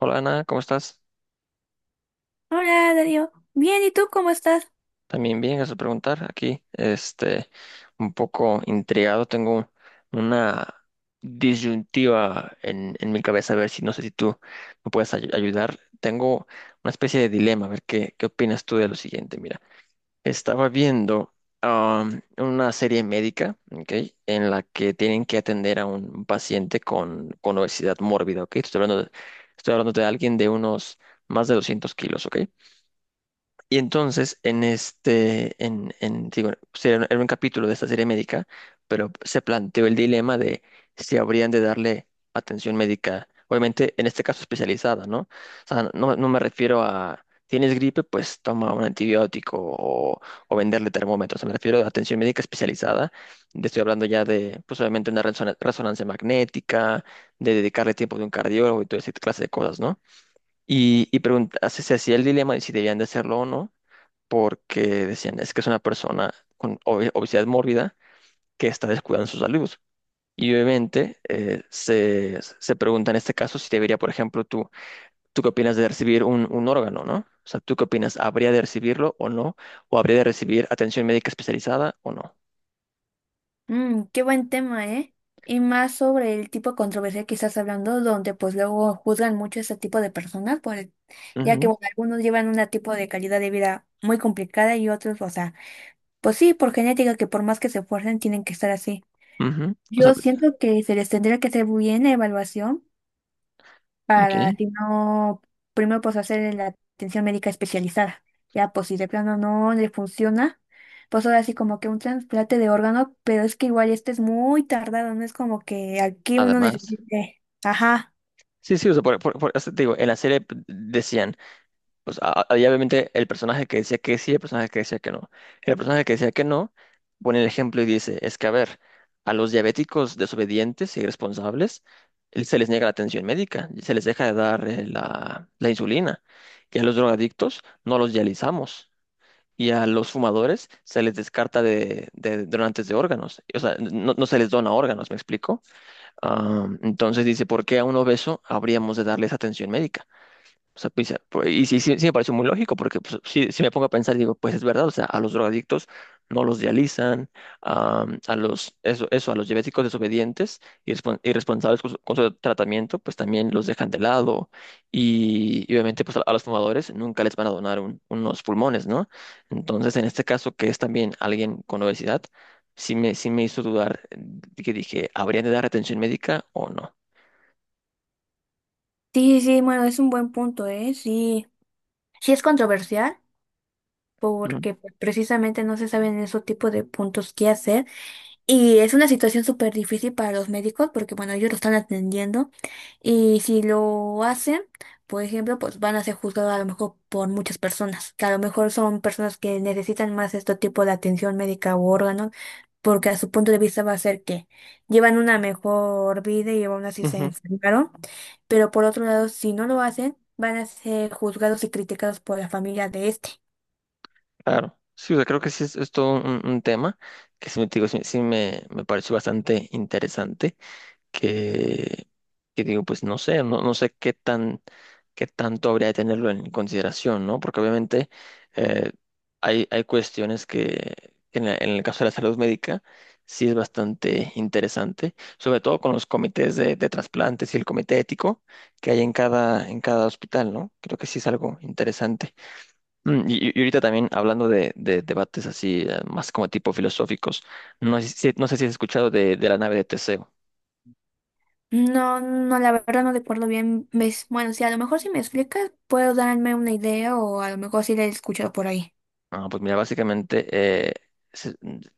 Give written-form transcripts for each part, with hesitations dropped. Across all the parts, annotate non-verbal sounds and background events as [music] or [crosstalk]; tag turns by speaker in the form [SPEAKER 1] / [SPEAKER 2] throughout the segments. [SPEAKER 1] Hola Ana, ¿cómo estás?
[SPEAKER 2] Hola, Darío. Bien, ¿y tú cómo estás?
[SPEAKER 1] También bien, gracias por preguntar. Aquí, este, un poco intrigado, tengo una disyuntiva en mi cabeza, a ver si no sé si tú me puedes ayudar. Tengo una especie de dilema, a ver qué opinas tú de lo siguiente. Mira, estaba viendo una serie médica, ¿ok? En la que tienen que atender a un paciente con obesidad mórbida, ¿ok? Estoy hablando de alguien de unos más de 200 kilos, ¿ok? Y entonces, en este, en- digo, era un capítulo de esta serie médica, pero se planteó el dilema de si habrían de darle atención médica, obviamente en este caso especializada, ¿no? O sea, no, no me refiero a, tienes gripe, pues toma un antibiótico o venderle termómetros, me refiero a atención médica especializada, estoy hablando ya de, pues obviamente una resonancia magnética, de dedicarle tiempo de un cardiólogo y toda esa clase de cosas, ¿no? Y pregunta, se hacía el dilema de si debían de hacerlo o no porque decían, es que es una persona con obesidad mórbida que está descuidando su salud. Y obviamente se pregunta en este caso si debería, por ejemplo, ¿tú qué opinas de recibir un órgano, no? O sea, ¿tú qué opinas? ¿Habría de recibirlo o no? ¿O habría de recibir atención médica especializada o no?
[SPEAKER 2] Mm, qué buen tema, ¿eh? Y más sobre el tipo de controversia que estás hablando, donde pues luego juzgan mucho ese tipo de personas, por el- ya que
[SPEAKER 1] Ujú,
[SPEAKER 2] bueno, algunos llevan un tipo de calidad de vida muy complicada y otros, o sea, pues sí, por genética, que por más que se esfuercen, tienen que estar así.
[SPEAKER 1] ujú. O sea,
[SPEAKER 2] Yo siento que se les tendría que hacer bien la evaluación
[SPEAKER 1] ok.
[SPEAKER 2] para si no, primero pues hacer la atención médica especializada. Ya, pues si de plano no le funciona, pues ahora sí como que un trasplante de órgano, pero es que igual este es muy tardado, no es como que aquí uno
[SPEAKER 1] Además.
[SPEAKER 2] necesite. Ajá.
[SPEAKER 1] Sí, sí, o sea, o sea, te digo, en la serie decían, pues había obviamente el personaje que decía que sí, el personaje que decía que no. El personaje que decía que no pone el ejemplo y dice, es que a ver, a los diabéticos desobedientes y irresponsables se les niega la atención médica, se les deja de dar la insulina. Y a los drogadictos no los dializamos. Y a los fumadores se les descarta de donantes de órganos. O sea, no, no se les dona órganos, ¿me explico? Ah, entonces dice, ¿por qué a un obeso habríamos de darles atención médica? O sea, y sí, sí, sí me pareció muy lógico, porque pues, sí, sí me pongo a pensar, y digo, pues es verdad, o sea, a los drogadictos no los dializan, a eso, eso, a los diabéticos desobedientes y irresponsables con su tratamiento, pues también los dejan de lado. Y obviamente, pues a los fumadores nunca les van a donar unos pulmones, ¿no? Entonces, en este caso, que es también alguien con obesidad, sí me hizo dudar, que dije, ¿habrían de dar atención médica o no?
[SPEAKER 2] Sí, sí, bueno, es un buen punto, ¿eh? Sí, sí es controversial porque pues, precisamente no se saben esos tipos de puntos qué hacer. Y es una situación súper difícil para los médicos porque, bueno, ellos lo están atendiendo y si lo hacen, por ejemplo, pues van a ser juzgados a lo mejor por muchas personas, que a lo mejor son personas que necesitan más este tipo de atención médica u órganos, porque a su punto de vista va a ser que llevan una mejor vida y aún así se
[SPEAKER 1] Ujú.
[SPEAKER 2] enfermaron, pero por otro lado, si no lo hacen, van a ser juzgados y criticados por la familia de este.
[SPEAKER 1] Claro, sí, o sea, creo que sí es todo un tema que sí, me, digo, sí, sí me pareció bastante interesante, que, que digo, pues no sé, no, no sé qué tanto habría de tenerlo en consideración, ¿no? Porque obviamente eh, hay cuestiones que en el caso de la salud médica sí es bastante interesante, sobre todo con los comités de trasplantes y el comité ético que hay en cada hospital, ¿no? Creo que sí es algo interesante. Y ahorita también hablando de debates así, más como tipo filosóficos, no sé si has escuchado de la nave de Teseo.
[SPEAKER 2] No, no, la verdad no recuerdo bien. Ves, bueno, sí, a lo mejor si me explicas, puedo darme una idea o a lo mejor sí la he escuchado por ahí.
[SPEAKER 1] Ah, pues mira, básicamente se-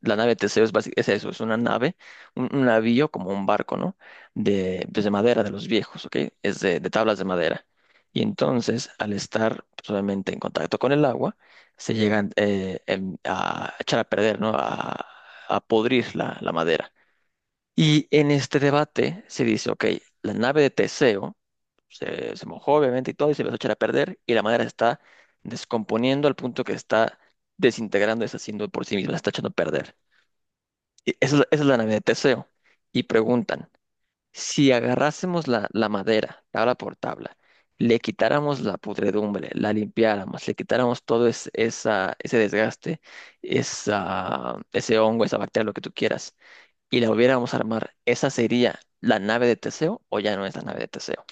[SPEAKER 1] la nave de Teseo es eso, es una nave, un navío como un barco, ¿no? De, pues de madera de los viejos, ¿ok? Es de tablas de madera. Y entonces, al estar pues, obviamente en contacto con el agua, se llegan a echar a perder, ¿no? A podrir la madera. Y en este debate se dice, ok, la nave de Teseo se mojó obviamente y todo y se empezó a echar a perder y la madera se está descomponiendo al punto que está desintegrando, deshaciendo por sí misma, se está echando a perder. Y esa es la nave de Teseo. Y preguntan, si agarrásemos la madera, tabla por tabla, le quitáramos la pudredumbre, la limpiáramos, le quitáramos todo ese desgaste, ese hongo, esa bacteria, lo que tú quieras y la volviéramos a armar, ¿esa sería la nave de Teseo o ya no es la nave de Teseo?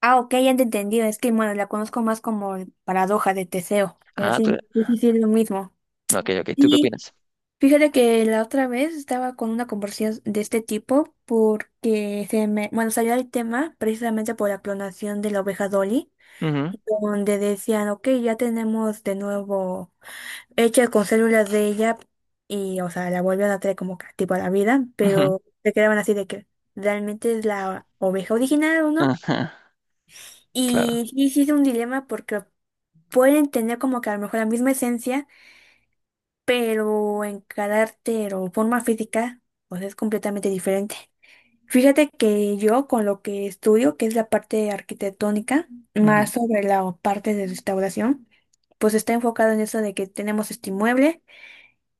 [SPEAKER 2] Ah, ok, ya te entendí. Es que, bueno, la conozco más como el paradoja de Teseo, pero
[SPEAKER 1] Ah,
[SPEAKER 2] sí, sí, sí, sí, es lo mismo.
[SPEAKER 1] no, ok, ok. ¿Tú qué
[SPEAKER 2] Sí,
[SPEAKER 1] opinas?
[SPEAKER 2] fíjate que la otra vez estaba con una conversación de este tipo porque bueno, salió el tema precisamente por la clonación de la oveja Dolly,
[SPEAKER 1] Ujú,
[SPEAKER 2] donde decían, ok, ya tenemos de nuevo, hecha con células de ella y, o sea, la vuelven a traer como que tipo a la vida,
[SPEAKER 1] ujú.
[SPEAKER 2] pero se quedaban así de que realmente es la oveja original o
[SPEAKER 1] [laughs]
[SPEAKER 2] no.
[SPEAKER 1] Ajá, claro.
[SPEAKER 2] Y sí, sí es un dilema porque pueden tener como que a lo mejor la misma esencia, pero en carácter o forma física, o sea, es completamente diferente. Fíjate que yo con lo que estudio, que es la parte arquitectónica,
[SPEAKER 1] Ujú,
[SPEAKER 2] más sobre la parte de restauración, pues está enfocado en eso de que tenemos este inmueble.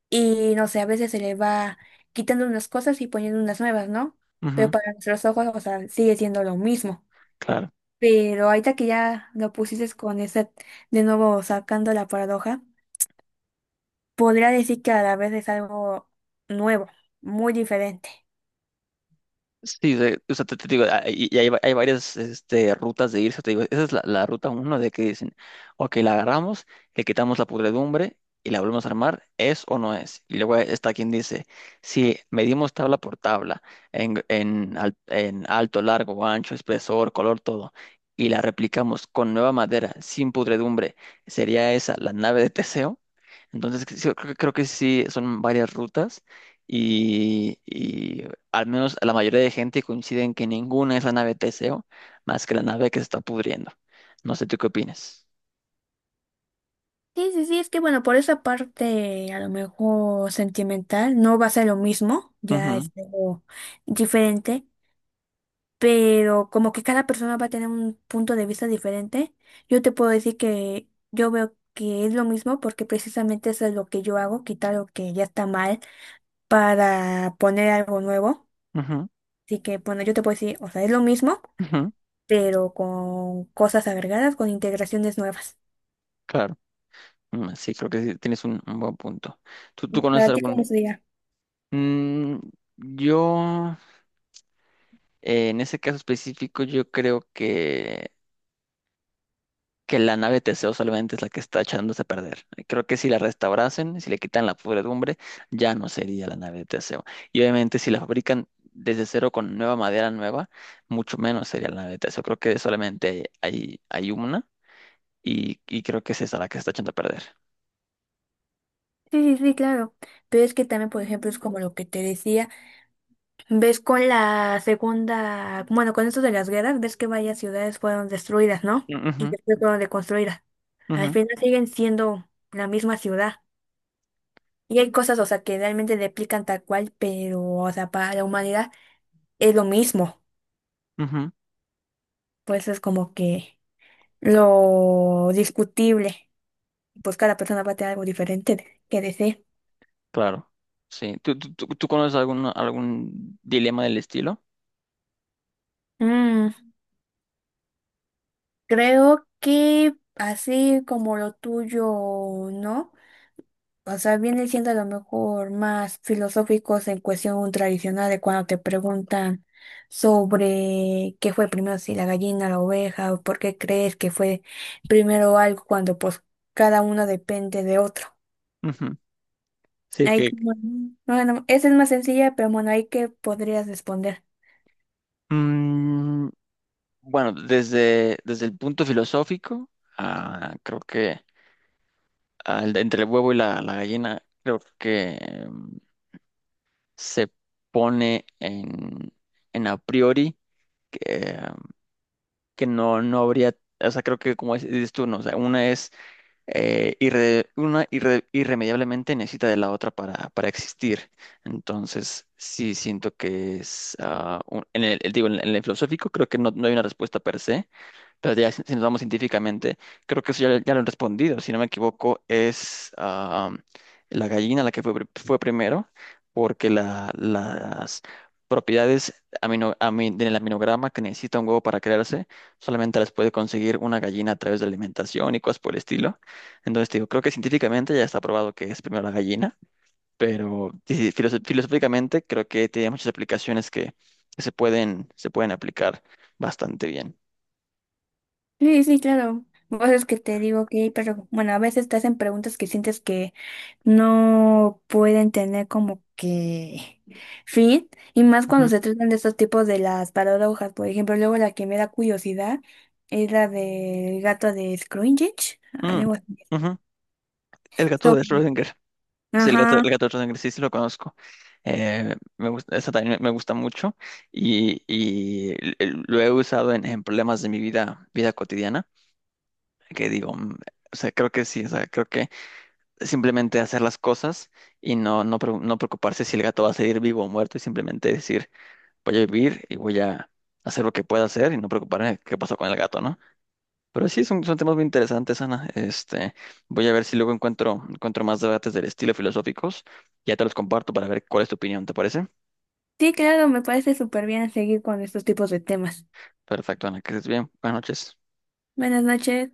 [SPEAKER 2] Y no sé, a veces se le va quitando unas cosas y poniendo unas nuevas, ¿no? Pero
[SPEAKER 1] ujú,
[SPEAKER 2] para nuestros ojos, o sea, sigue siendo lo mismo.
[SPEAKER 1] claro.
[SPEAKER 2] Pero ahorita que ya lo pusiste con esa, de nuevo sacando la paradoja, podría decir que a la vez es algo nuevo, muy diferente.
[SPEAKER 1] Sí, o sea, te digo, hay varias este, rutas de irse, te digo, esa es la ruta uno de que dicen, ok, la agarramos, le quitamos la pudredumbre y la volvemos a armar, ¿es o no es? Y luego está quien dice, si medimos tabla por tabla, en alto, largo, ancho, espesor, color, todo, y la replicamos con nueva madera, sin pudredumbre, ¿sería esa la nave de Teseo? Entonces, que sí, creo que sí son varias rutas y al menos la mayoría de gente coincide en que ninguna es la nave Teseo más que la nave que se está pudriendo. No sé, ¿tú qué opinas?
[SPEAKER 2] Sí, es que bueno, por esa parte a lo mejor sentimental no va a ser lo mismo, ya
[SPEAKER 1] Ujú,
[SPEAKER 2] es algo diferente, pero como que cada persona va a tener un punto de vista diferente, yo te puedo decir que yo veo que es lo mismo porque precisamente eso es lo que yo hago, quitar lo que ya está mal para poner algo nuevo.
[SPEAKER 1] ujú,
[SPEAKER 2] Así que bueno, yo te puedo decir, o sea, es lo mismo,
[SPEAKER 1] ujú,
[SPEAKER 2] pero con cosas agregadas, con integraciones nuevas.
[SPEAKER 1] claro. Sí, creo que sí, tienes un buen punto. ¿Tú conoces
[SPEAKER 2] ¿Para ti
[SPEAKER 1] algún...?
[SPEAKER 2] cómo sería?
[SPEAKER 1] Mm, yo, en ese caso específico, yo creo que la nave Teseo solamente es la que está echándose a perder. Creo que si la restaurasen, si le quitan la podredumbre, ya no sería la nave de Teseo. Y obviamente si la fabrican desde cero con nueva madera nueva, mucho menos sería la nave de Teseo. Creo que solamente hay una y creo que es esa la que está echando a perder.
[SPEAKER 2] Sí, claro. Pero es que también, por ejemplo, es como lo que te decía. Ves con la segunda, bueno, con esto de las guerras, ves que varias ciudades fueron destruidas, ¿no? Y
[SPEAKER 1] Ujú,
[SPEAKER 2] después fueron reconstruidas. Al
[SPEAKER 1] ujú,
[SPEAKER 2] final siguen siendo la misma ciudad. Y hay cosas, o sea, que realmente replican tal cual, pero, o sea, para la humanidad es lo mismo.
[SPEAKER 1] ujú,
[SPEAKER 2] Pues es como que lo discutible. Pues cada persona va a tener algo diferente de- que decir.
[SPEAKER 1] claro, sí. ¿Tú conoces algún dilema del estilo?
[SPEAKER 2] Mm, creo que así como lo tuyo, ¿no? O sea, viene siendo a lo mejor más filosóficos en cuestión tradicional de cuando te preguntan sobre qué fue primero, si la gallina, la oveja, o por qué crees que fue primero algo cuando pues cada uno depende de otro.
[SPEAKER 1] Ujú. Sí,
[SPEAKER 2] Ahí
[SPEAKER 1] que...
[SPEAKER 2] como, bueno, esa es más sencilla, pero bueno, ahí que podrías responder.
[SPEAKER 1] Mm, Bueno, desde el punto filosófico, creo que entre el huevo y la gallina, creo que se pone en, a priori que, em, que no, no habría, o sea, creo que como dices tú, ¿no? O sea, una es irremediablemente necesita de la otra para existir. Entonces, sí siento que digo, en el filosófico creo que no, no hay una respuesta per se. Pero ya si nos vamos científicamente, creo que eso ya lo han respondido. Si no me equivoco, es la gallina la que fue primero, porque las propiedades del aminograma que necesita un huevo para crearse, solamente las puede conseguir una gallina a través de alimentación y cosas por el estilo. Entonces, te digo, creo que científicamente ya está probado que es primero la gallina, pero sí, filosóficamente creo que tiene muchas aplicaciones que se pueden aplicar bastante bien.
[SPEAKER 2] Sí, sí, claro. Vos es que te digo que, pero bueno, a veces te hacen preguntas que sientes que no pueden tener como que [laughs] fin, y más cuando se tratan de estos tipos de las paradojas, por ejemplo, luego la que me da curiosidad es la del gato de Scroogge,
[SPEAKER 1] Mm,
[SPEAKER 2] algo así.
[SPEAKER 1] ujú. El gato de
[SPEAKER 2] Sobre-
[SPEAKER 1] Schrödinger. Sí, el gato,
[SPEAKER 2] Ajá,
[SPEAKER 1] el gato de Schrödinger, sí, sí lo conozco. Me gusta, esa también me gusta mucho y lo he usado en problemas de mi vida cotidiana, que digo, o sea, creo que sí, o sea, creo que simplemente hacer las cosas y no preocuparse si el gato va a seguir vivo o muerto y simplemente decir, voy a vivir y voy a hacer lo que pueda hacer y no preocuparme qué pasó con el gato, ¿no? Pero sí, son temas muy interesantes, Ana. Este, voy a ver si luego encuentro más debates del estilo filosóficos. Ya te los comparto para ver cuál es tu opinión, ¿te parece?
[SPEAKER 2] sí, claro, me parece súper bien seguir con estos tipos de temas.
[SPEAKER 1] Perfecto, Ana, que estés bien. Buenas noches.
[SPEAKER 2] Buenas noches.